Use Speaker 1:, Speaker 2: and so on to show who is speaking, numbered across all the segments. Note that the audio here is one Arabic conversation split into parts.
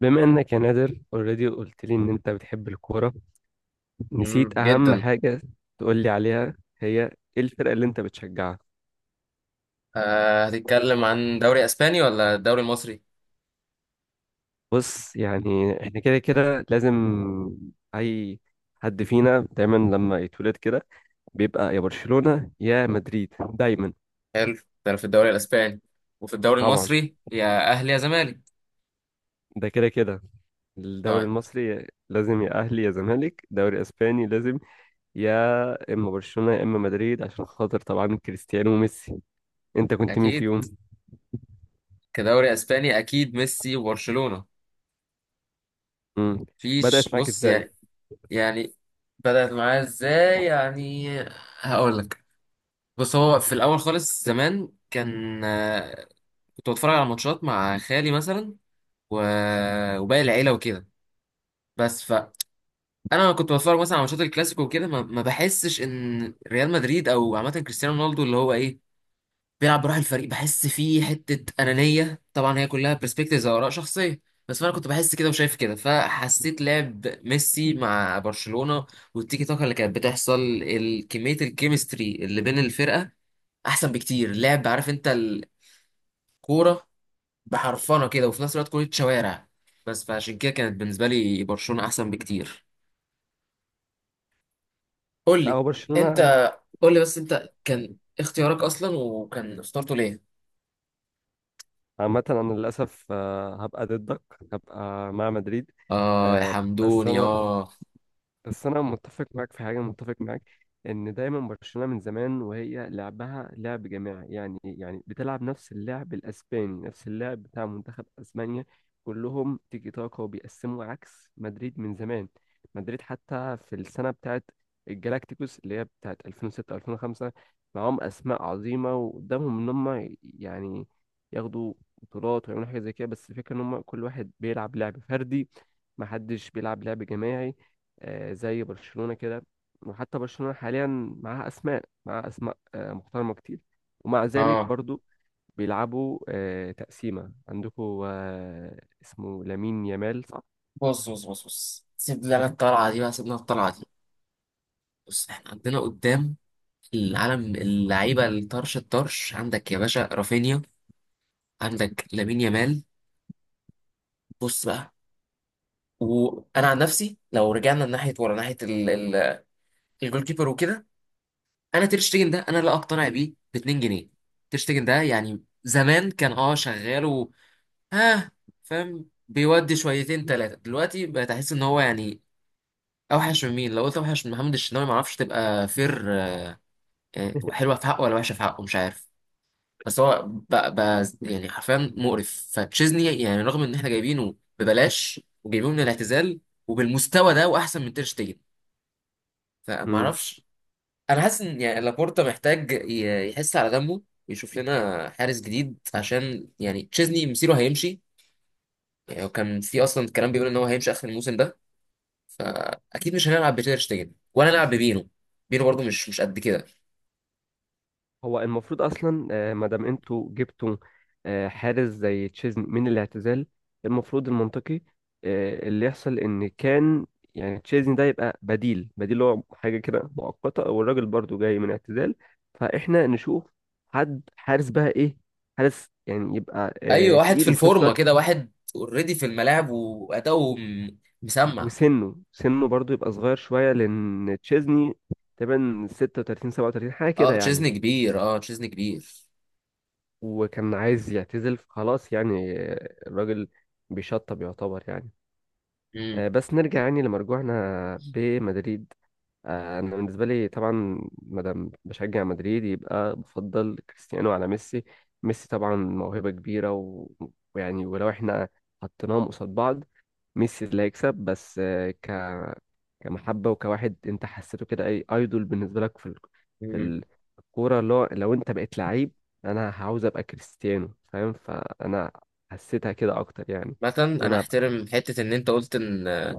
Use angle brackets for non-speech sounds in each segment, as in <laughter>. Speaker 1: بما انك يا نادر اوريدي قلت لي ان انت بتحب الكوره،
Speaker 2: مم،
Speaker 1: نسيت اهم
Speaker 2: جدا.
Speaker 1: حاجه. تقول لي عليها، هي ايه الفرقه اللي انت بتشجعها؟
Speaker 2: هتتكلم عن دوري اسباني ولا الدوري المصري؟
Speaker 1: بص، يعني احنا كده كده لازم... اي حد فينا دايما لما يتولد كده بيبقى يا برشلونه يا مدريد دايما.
Speaker 2: حلو ده. انا في الدوري الاسباني، وفي الدوري
Speaker 1: طبعا،
Speaker 2: المصري يا اهلي يا زمالك.
Speaker 1: ده كده كده الدوري
Speaker 2: تمام.
Speaker 1: المصري لازم يا اهلي يا زمالك، دوري اسباني لازم يا اما برشلونه يا اما مدريد عشان خاطر طبعا كريستيانو وميسي. انت كنت مين
Speaker 2: اكيد،
Speaker 1: فيهم؟
Speaker 2: كدوري اسباني اكيد ميسي وبرشلونة.
Speaker 1: امم
Speaker 2: فيش،
Speaker 1: بدأت معاك
Speaker 2: بص
Speaker 1: ازاي؟
Speaker 2: يعني. يعني بدأت معاه ازاي يعني. هقول لك. بص، هو في الاول خالص زمان كان، كنت بتفرج على ماتشات مع خالي مثلا و... وباقي العيلة وكده. بس انا كنت بتفرج مثلا على ماتشات الكلاسيكو وكده، ما بحسش ان ريال مدريد او عامه كريستيانو رونالدو اللي هو ايه بيلعب بروح الفريق، بحس فيه حته انانيه. طبعا هي كلها برسبكتيفز او اراء شخصيه، بس انا كنت بحس كده وشايف كده. فحسيت لعب ميسي مع برشلونه والتيكي تاكا اللي كانت بتحصل، كميه الكيمستري اللي بين الفرقه، احسن بكتير. لعب، عارف انت الكوره، بحرفنه كده، وفي نفس الوقت كوره شوارع. بس فعشان كده كانت بالنسبه لي برشلونه احسن بكتير. قول
Speaker 1: لا،
Speaker 2: لي
Speaker 1: هو
Speaker 2: انت،
Speaker 1: برشلونة.
Speaker 2: قول لي بس انت كان اختيارك اصلا وكان اخترته ليه؟
Speaker 1: عامة أنا للأسف هبقى ضدك. هبقى مع مدريد.
Speaker 2: اه يا
Speaker 1: بس
Speaker 2: حمدوني،
Speaker 1: أنا...
Speaker 2: اه
Speaker 1: بس انا متفق معاك في حاجه، متفق معاك ان دايما برشلونه من زمان وهي لعبها لعب جماعي، يعني بتلعب نفس اللعب الاسباني، نفس اللعب بتاع منتخب اسبانيا. كلهم تيكي تاكا وبيقسموا، عكس مدريد من زمان. مدريد حتى في السنه بتاعت الجالاكتيكوس، اللي هي بتاعت 2006 2005، معاهم اسماء عظيمه وقدامهم ان هم يعني ياخدوا بطولات ويعملوا حاجه زي كده، بس الفكره ان هم كل واحد بيلعب لعب فردي، محدش بيلعب لعب جماعي زي برشلونة كده. وحتى برشلونة حاليا معاها أسماء محترمة كتير، ومع ذلك
Speaker 2: اه.
Speaker 1: برضو بيلعبوا تقسيمة. عندكم اسمه لامين يامال، صح؟
Speaker 2: بص بص بص بص، سيب لنا الطلعه دي بقى، سيبنا الطلعه دي. بص، احنا عندنا قدام العالم، اللعيبه الطرش الطرش، عندك يا باشا رافينيا، عندك لامين يامال. بص بقى، وانا عن نفسي لو رجعنا ناحيه ورا ناحيه الجول كيبر وكده، انا تير شتيجن ده انا لا اقتنع بيه ب 2 جنيه. تير شتيجن ده يعني زمان كان شغال، ها؟ فاهم، بيودي شويتين ثلاثة دلوقتي بقيت احس ان هو يعني اوحش من مين؟ لو قلت اوحش من محمد الشناوي ما اعرفش تبقى فير يعني، حلوة في حقه ولا وحشة في حقه مش عارف. بس هو بقى يعني حرفيا مقرف، فتشيزني يعني رغم ان احنا جايبينه ببلاش وجايبينه من الاعتزال وبالمستوى ده واحسن من تير شتيجن، فما
Speaker 1: <laughs>
Speaker 2: اعرفش. انا حاسس ان يعني لابورتا محتاج يحس على دمه ويشوف لنا حارس جديد، عشان يعني تشيزني مصيره هيمشي. يعني هو كان في اصلا كلام بيقول ان هو هيمشي اخر الموسم ده، فاكيد مش هنلعب بتير شتيجن ولا نلعب ببينو. بينو برضو مش قد كده.
Speaker 1: هو المفروض اصلا، ما دام انتوا جبتوا حارس زي تشيزني من الاعتزال، المفروض المنطقي اللي يحصل ان كان يعني تشيزني ده يبقى بديل هو حاجه كده مؤقته، والراجل برضو جاي من اعتزال، فاحنا نشوف حد حارس بقى، ايه حارس يعني يبقى
Speaker 2: ايوه، واحد في
Speaker 1: تقيل، وفي نفس
Speaker 2: الفورمه
Speaker 1: الوقت
Speaker 2: كده، واحد اوريدي في الملاعب واداؤه مسمع.
Speaker 1: وسنه برضو يبقى صغير شويه، لان تشيزني تقريبا 36 37 حاجه كده
Speaker 2: اه
Speaker 1: يعني.
Speaker 2: تشيزني كبير، اه تشيزني كبير.
Speaker 1: وكان عايز يعتزل فخلاص يعني، الراجل بيشطب يعتبر يعني.
Speaker 2: امم
Speaker 1: بس نرجع يعني لمرجوعنا بمدريد، انا بالنسبه لي طبعا مادام بشجع مدريد يبقى بفضل كريستيانو على ميسي. ميسي طبعا موهبه كبيره و- ويعني ولو احنا حطيناهم قصاد بعض، ميسي اللي هيكسب، بس آه، ك كمحبة وكواحد انت حسيته كده، اي ايدول بالنسبة لك في ال... في
Speaker 2: امم
Speaker 1: ال- الكورة، اللي هو لو انت بقيت لعيب انا هعوز ابقى كريستيانو، فاهم؟ فانا حسيتها كده اكتر يعني،
Speaker 2: مثلا
Speaker 1: ان
Speaker 2: انا
Speaker 1: انا ابقى.
Speaker 2: احترم حته ان انت قلت ان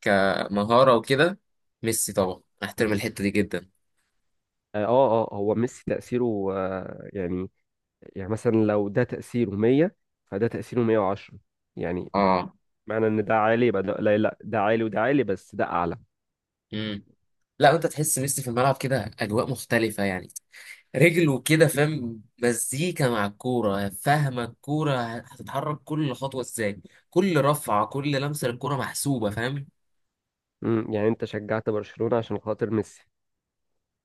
Speaker 2: كمهاره وكده ميسي طبعا، انا احترم الحته دي جدا.
Speaker 1: اه اه هو ميسي تأثيره آه يعني، يعني مثلا لو ده تأثيره 100، فده تأثيره 110. يعني
Speaker 2: اه.
Speaker 1: معنى ان ده عالي؟ يبقى ده لا لا، ده عالي وده عالي، بس ده اعلى.
Speaker 2: امم لا، انت تحس ميسي في الملعب كده اجواء مختلفه يعني. رجله كده، فاهم، مزيكا مع الكورة، فاهمة الكورة هتتحرك كل خطوة ازاي. كل رفعة، كل لمسة للكورة محسوبة، فاهم.
Speaker 1: يعني انت شجعت برشلونة عشان خاطر ميسي.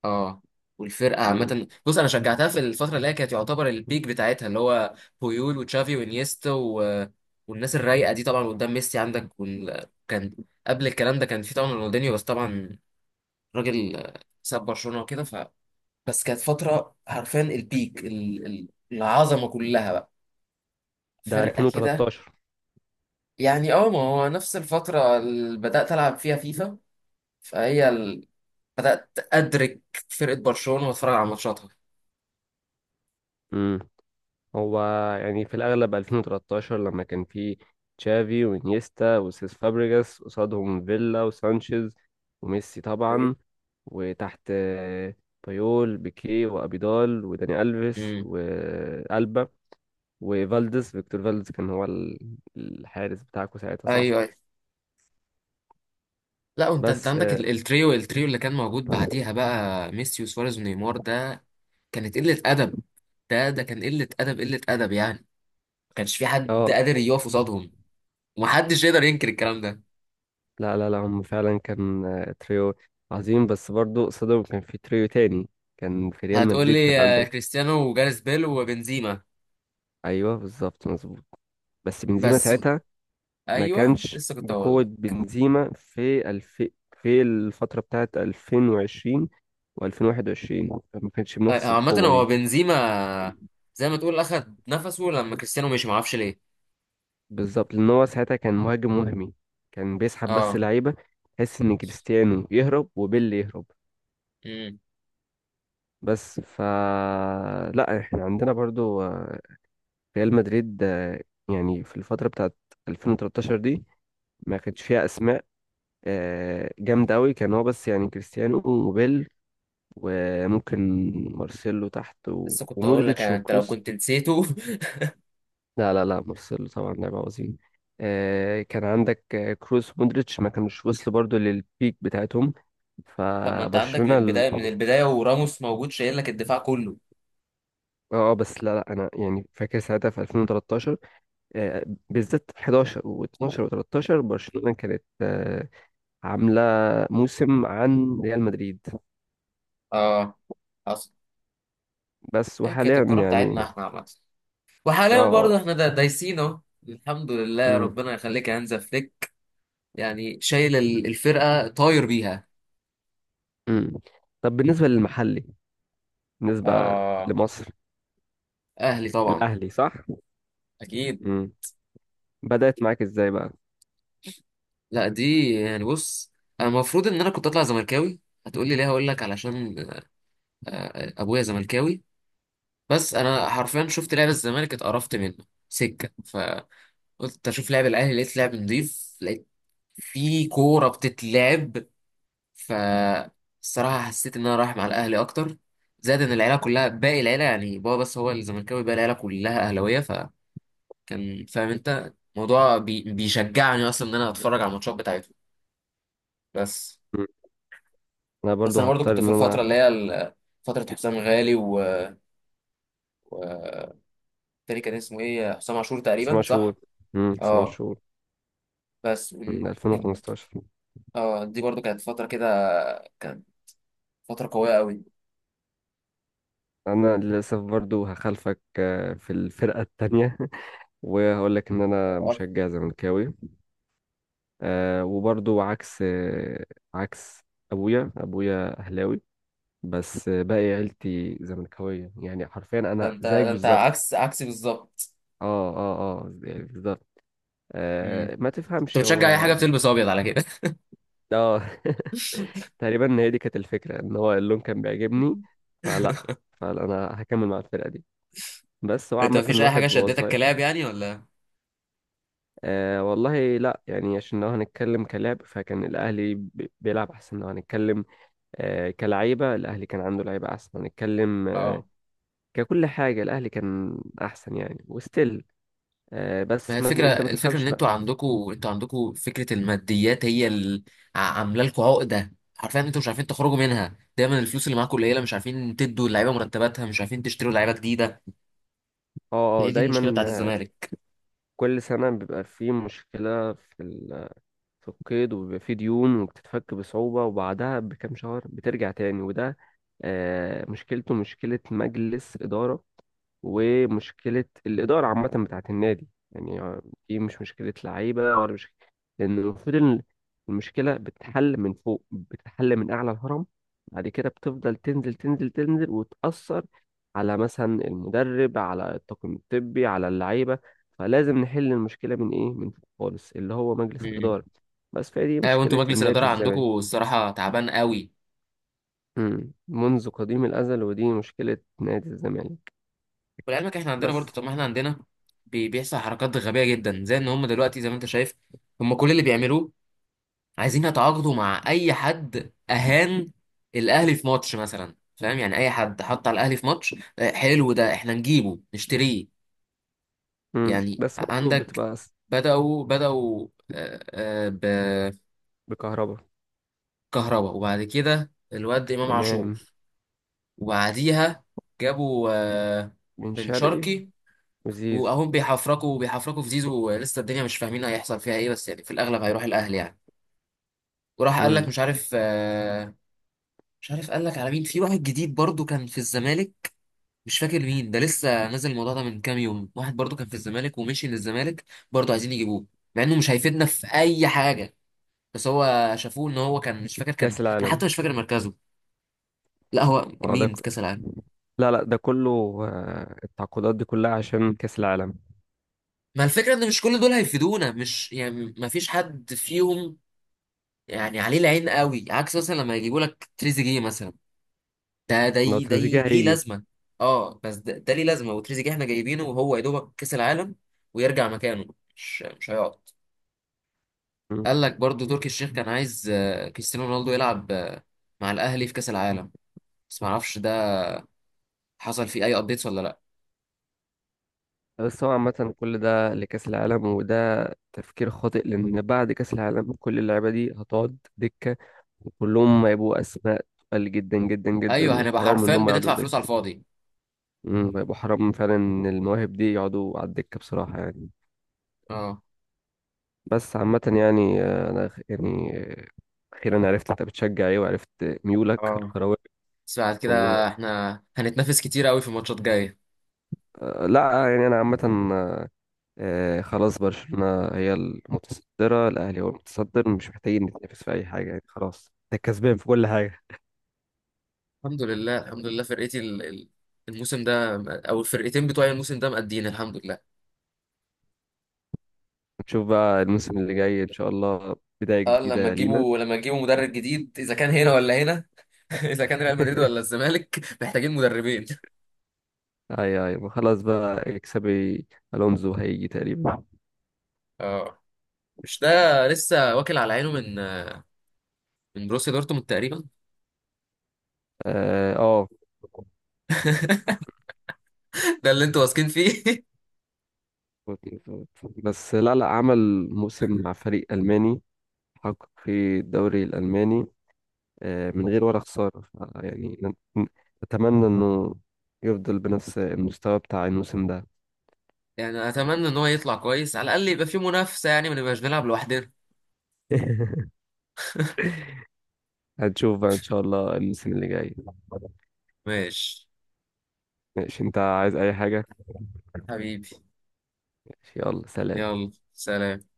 Speaker 2: اه. والفرقة
Speaker 1: امم
Speaker 2: عامة، بص، أنا شجعتها في الفترة اللي هي كانت يعتبر البيك بتاعتها، اللي هو بويول وتشافي وانيستا والناس الرايقة دي، طبعا قدام ميسي عندك، كان قبل الكلام ده كان في طبعا رونالدينيو، بس طبعا راجل ساب برشلونة وكده، بس كانت فترة حرفيا البيك، العظمة كلها بقى،
Speaker 1: ده
Speaker 2: فرقة كده.
Speaker 1: 2013.
Speaker 2: يعني ما هو نفس الفترة اللي بدأت ألعب فيها فيفا، فهي بدأت أدرك فرقة برشلونة وأتفرج على ماتشاتها.
Speaker 1: امم هو يعني في الأغلب 2013 لما كان في تشافي وانيستا وسيس فابريجاس، قصادهم فيلا وسانشيز وميسي
Speaker 2: ايه.
Speaker 1: طبعا، وتحت بايول بيكيه وأبيدال وداني ألفيس
Speaker 2: امم.
Speaker 1: وألبا. وفالديز، فيكتور فالديز، كان هو ال- الحارس بتاعكم ساعتها، صح؟
Speaker 2: ايوه ايوه. لا، وانت
Speaker 1: بس
Speaker 2: عندك
Speaker 1: اه
Speaker 2: التريو اللي كان موجود بعديها بقى، ميسي وسواريز ونيمار ده، كانت قلة أدب. ده كان قلة أدب، قلة أدب يعني. ما كانش في حد
Speaker 1: آه،
Speaker 2: قادر يقف قصادهم، ومحدش يقدر ينكر الكلام ده.
Speaker 1: لا لا لا، هم فعلا كان تريو عظيم، بس برضو قصادهم كان في تريو تاني، كان في ريال
Speaker 2: هتقول
Speaker 1: مدريد،
Speaker 2: لي
Speaker 1: كان عندك...
Speaker 2: كريستيانو وجاريث بيل وبنزيما.
Speaker 1: ايوه بالظبط، مظبوط. بس بنزيما
Speaker 2: بس
Speaker 1: ساعتها ما
Speaker 2: ايوه،
Speaker 1: كانش
Speaker 2: لسه كنت
Speaker 1: بقوة
Speaker 2: هقول،
Speaker 1: بنزيما في الف... في الفترة بتاعت 2020 و2021 ما كانش بنفس
Speaker 2: عامة
Speaker 1: القوة
Speaker 2: هو
Speaker 1: دي.
Speaker 2: بنزيما زي ما تقول أخد نفسه لما كريستيانو مشي، معرفش ليه.
Speaker 1: بالظبط، لأن هو ساعتها كان مهاجم وهمي، كان بيسحب بس
Speaker 2: اه.
Speaker 1: لعيبة، تحس إن كريستيانو يهرب وبيل يهرب.
Speaker 2: امم
Speaker 1: بس ف لا، احنا عندنا برضو ريال مدريد يعني في الفترة بتاعت 2013 دي ما كانش فيها أسماء جامدة أوي، كان هو بس يعني كريستيانو وبيل، وممكن مارسيلو تحت
Speaker 2: لسه
Speaker 1: و...
Speaker 2: كنت هقول لك
Speaker 1: ومودريتش
Speaker 2: يعني انت لو
Speaker 1: وكروس.
Speaker 2: كنت نسيته.
Speaker 1: لا لا لا، مارسيلو طبعا لاعب عظيم. آه كان عندك كروس ومودريتش ما كانوش وصلوا برضو للبيك بتاعتهم.
Speaker 2: <laughs> طب ما انت عندك
Speaker 1: فبرشلونة
Speaker 2: من
Speaker 1: ال-
Speaker 2: بداية، من البداية وراموس موجود شايل لك الدفاع كله.
Speaker 1: اه، بس لا لا، انا يعني فاكر ساعتها في 2013 بالذات 11 و12 و13 برشلونة كانت عاملة موسم عن ريال مدريد.
Speaker 2: اه حصل.
Speaker 1: بس
Speaker 2: هي كانت
Speaker 1: وحاليا
Speaker 2: الكرة
Speaker 1: يعني
Speaker 2: بتاعتنا احنا عامة،
Speaker 1: اه
Speaker 2: وحاليا برضه احنا دايسين اهو، الحمد لله،
Speaker 1: مم.
Speaker 2: ربنا يخليك يا هانزا فليك. يعني شايل الفرقة طاير بيها.
Speaker 1: مم. طب بالنسبة للمحلي، بالنسبة
Speaker 2: اه.
Speaker 1: لمصر.
Speaker 2: اهلي طبعا.
Speaker 1: الاهلي، صح.
Speaker 2: اكيد.
Speaker 1: امم بدأت معاك ازاي بقى؟
Speaker 2: لا دي يعني، بص، انا المفروض ان انا كنت اطلع زملكاوي. هتقولي ليه؟ هقول لك، علشان ابويا زملكاوي. بس انا حرفيا شفت لعب الزمالك اتقرفت منه سكه، فقلت اشوف لعب الاهلي، لقيت لعب نضيف، لقيت في كوره بتتلعب. ف الصراحه حسيت ان انا رايح مع الاهلي اكتر. زائد ان العيله كلها، باقي العيله يعني، بابا بس هو الزملكاوي، باقي العيله كلها اهلاويه، فكان فاهم انت الموضوع بي... بيشجعني اصلا ان انا اتفرج على الماتشات بتاعتهم. بس.
Speaker 1: مم. انا
Speaker 2: بس
Speaker 1: برضو
Speaker 2: انا برضو
Speaker 1: هضطر
Speaker 2: كنت في
Speaker 1: ان
Speaker 2: الفتره
Speaker 1: انا...
Speaker 2: اللي هي فتره حسام غالي، و التاني كان اسمه ايه؟ حسام عاشور تقريبا،
Speaker 1: سما شهور،
Speaker 2: صح؟
Speaker 1: سما
Speaker 2: اه.
Speaker 1: شهور.
Speaker 2: بس
Speaker 1: من
Speaker 2: كان،
Speaker 1: 2015.
Speaker 2: اه دي برضو كانت فتره كده، كانت فتره قويه قوي.
Speaker 1: انا للاسف برضو هخالفك في الفرقة التانية. <laughs> وهقول لك ان انا
Speaker 2: آه،
Speaker 1: مشجع زملكاوي، وبرضو عكس عكس ابويا. ابويا اهلاوي بس، باقي عيلتي زملكاوية، يعني حرفيا
Speaker 2: ده
Speaker 1: انا
Speaker 2: انت
Speaker 1: زيك
Speaker 2: ده انت
Speaker 1: بالظبط.
Speaker 2: عكس عكسي بالظبط.
Speaker 1: اه اه اه، يعني بالظبط.
Speaker 2: امم
Speaker 1: ما
Speaker 2: انت
Speaker 1: تفهمش
Speaker 2: بتشجع اي
Speaker 1: هو...
Speaker 2: حاجه بتلبس ابيض على كده.
Speaker 1: اه. <laughs>
Speaker 2: <laughs>
Speaker 1: تقريبا هي دي كانت الفكرة، ان هو اللون كان بيعجبني، فلا. فانا هكمل مع الفرقة دي. بس هو
Speaker 2: انت
Speaker 1: عامة
Speaker 2: مفيش اي حاجه
Speaker 1: الواحد وهو
Speaker 2: شدتك
Speaker 1: صغير...
Speaker 2: كلاب يعني، ولا؟
Speaker 1: آه والله لا، يعني عشان لو هنتكلم كلاعب فكان الاهلي بي- بيلعب احسن، لو هنتكلم آه كلعيبة الاهلي كان عنده لعيبة احسن، هنتكلم آه
Speaker 2: اه،
Speaker 1: ككل حاجة الاهلي كان احسن يعني. وستيل آه،
Speaker 2: ما هي
Speaker 1: بس ما
Speaker 2: الفكرة
Speaker 1: انت ما
Speaker 2: الفكرة
Speaker 1: تفهمش
Speaker 2: ان
Speaker 1: بقى.
Speaker 2: انتوا عندكوا فكرة الماديات هي اللي عاملة لكم عقدة حرفيا، انتوا مش عارفين تخرجوا منها. دايما الفلوس اللي معاكوا قليلة، مش عارفين تدوا اللعيبة مرتباتها، مش عارفين تشتروا لعيبة جديدة،
Speaker 1: اه اه،
Speaker 2: هي دي المشكلة
Speaker 1: دايما
Speaker 2: بتاعت الزمالك.
Speaker 1: كل سنة بيبقى في مشكلة في في القيد، وبيبقى فيه ديون وبتتفك بصعوبة، وبعدها بكام شهر بترجع تاني. وده مشكلته مشكلة مجلس إدارة، ومشكلة الإدارة عامة بتاعت النادي يعني. دي مش مشكلة لعيبة، ولا مش... لأن المفروض إن المشكلة بتتحل من فوق، بتتحل من أعلى الهرم، بعد كده بتفضل تنزل تنزل تنزل وتأثر على مثلا المدرب، على الطاقم الطبي، على اللعيبة. فلازم نحل المشكلة من إيه؟ من فوق خالص، اللي هو مجلس
Speaker 2: امم
Speaker 1: الإدارة. بس فهي دي
Speaker 2: اه، وانتوا
Speaker 1: مشكلة
Speaker 2: مجلس الإدارة
Speaker 1: النادي الزمالك.
Speaker 2: عندكوا الصراحة تعبان قوي.
Speaker 1: مم. منذ قديم الأزل، ودي مشكلة نادي الزمالك.
Speaker 2: ولعلمك احنا عندنا
Speaker 1: بس.
Speaker 2: برضه، طب ما احنا عندنا بيحصل حركات غبية جدا، زي ان هم دلوقتي زي ما انت شايف، هم كل اللي بيعملوه عايزين يتعاقدوا مع اي حد اهان الاهلي في ماتش مثلا، فاهم يعني؟ اي حد حط على الاهلي في ماتش، حلو ده، احنا نجيبه نشتريه.
Speaker 1: مم.
Speaker 2: يعني
Speaker 1: بس برضه
Speaker 2: عندك
Speaker 1: بتبقى
Speaker 2: بدأوا
Speaker 1: بكهربا،
Speaker 2: بكهربا، وبعد كده الواد امام عاشور،
Speaker 1: إمام،
Speaker 2: وبعديها جابوا
Speaker 1: بن
Speaker 2: بن
Speaker 1: شرقي،
Speaker 2: شرقي،
Speaker 1: وزيزو.
Speaker 2: واهم بيحفركوا في زيزو. لسه الدنيا مش فاهمين هيحصل فيها ايه، بس يعني في الاغلب هيروح الاهلي يعني. وراح قال لك
Speaker 1: مم.
Speaker 2: مش عارف قال لك على مين، في واحد جديد برضو كان في الزمالك، مش فاكر مين ده، لسه نازل الموضوع ده من كام يوم، واحد برضو كان في الزمالك ومشي للزمالك. برضو عايزين يجيبوه، مع انه مش هيفيدنا في اي حاجه. بس هو شافوه ان هو كان، مش فاكر، كان
Speaker 1: كأس
Speaker 2: انا حتى
Speaker 1: العالم.
Speaker 2: مش فاكر مركزه. لا، هو
Speaker 1: اه ده
Speaker 2: مين
Speaker 1: ك-
Speaker 2: في كاس العالم؟
Speaker 1: لا لا، ده كله التعاقدات دي كلها عشان كأس العالم.
Speaker 2: ما الفكره ان مش كل دول هيفيدونا، مش يعني ما فيش حد فيهم يعني عليه العين قوي، عكس مثلا لما يجيبوا لك تريزيجيه مثلا. ده ده
Speaker 1: لو
Speaker 2: ي- ده
Speaker 1: تريزيجيه
Speaker 2: ي- ليه
Speaker 1: هيجي...
Speaker 2: لازمه؟ اه، بس ده ليه لازمه؟ وتريزيجيه احنا جايبينه وهو يا دوبك كاس العالم ويرجع مكانه، مش هيقعد.
Speaker 1: مم.
Speaker 2: قال لك برضو تركي الشيخ كان عايز كريستيانو رونالدو يلعب مع الاهلي في كاس العالم، بس ما اعرفش ده حصل فيه اي ابديتس ولا لا.
Speaker 1: بس هو عامة كل ده لكأس العالم، وده تفكير خاطئ، لأن بعد كأس العالم كل اللعيبة دي هتقعد دكة، وكلهم هيبقوا أسماء تقل جدا جدا جدا،
Speaker 2: ايوه، هنبقى
Speaker 1: وحرام
Speaker 2: حرفيا
Speaker 1: إنهم يقعدوا
Speaker 2: بندفع فلوس على
Speaker 1: دكة.
Speaker 2: الفاضي.
Speaker 1: مم، هيبقوا حرام فعلا إن المواهب دي يقعدوا على الدكة بصراحة يعني.
Speaker 2: اه
Speaker 1: بس عامة يعني أنا خ- يعني أخيرا عرفت أنت بتشجع إيه، وعرفت ميولك
Speaker 2: اه.
Speaker 1: الكروية.
Speaker 2: بس بعد
Speaker 1: و
Speaker 2: كده احنا هنتنافس كتير قوي في ماتشات جايه.
Speaker 1: لا يعني أنا عامة آه، خلاص، برشلونة هي المتصدرة، الأهلي هو المتصدر، مش محتاجين نتنافس في أي حاجة يعني، خلاص ده كسبان في كل حاجة.
Speaker 2: الحمد لله الحمد لله، فرقتي الموسم ده او الفرقتين بتوعي الموسم ده مقدين، الحمد لله.
Speaker 1: نشوف بقى الموسم اللي جاي إن شاء الله، بداية
Speaker 2: اه، لما
Speaker 1: جديدة لينا.
Speaker 2: تجيبوا لما تجيبوا مدرب جديد، اذا كان هنا ولا هنا. <laughs> اذا كان ريال مدريد ولا
Speaker 1: <laughs>
Speaker 2: الزمالك محتاجين مدربين.
Speaker 1: أي أي خلاص بقى، اكسبي ألونزو هيجي تقريبا.
Speaker 2: اه، مش ده، لسه واكل على عينه من بروسيا دورتموند تقريبا. <laughs>
Speaker 1: آه آه،
Speaker 2: ده اللي انتوا واثقين فيه. <laughs>
Speaker 1: بس لا لا، عمل موسم مع فريق ألماني، حقق في الدوري الألماني من غير ولا خسارة، ف- يعني ن- أتمنى إنه يفضل بنفس المستوى بتاع الموسم ده.
Speaker 2: يعني اتمنى ان هو يطلع كويس على الاقل، يبقى في منافسة يعني، ما نبقاش بنلعب لوحدنا.
Speaker 1: <laughs> هنشوف بقى إن شاء الله الموسم اللي جاي.
Speaker 2: ماشي.
Speaker 1: ماشي. أنت عايز أي حاجة؟
Speaker 2: حبيبي.
Speaker 1: ماشي، يلا سلام.
Speaker 2: يلا سلام.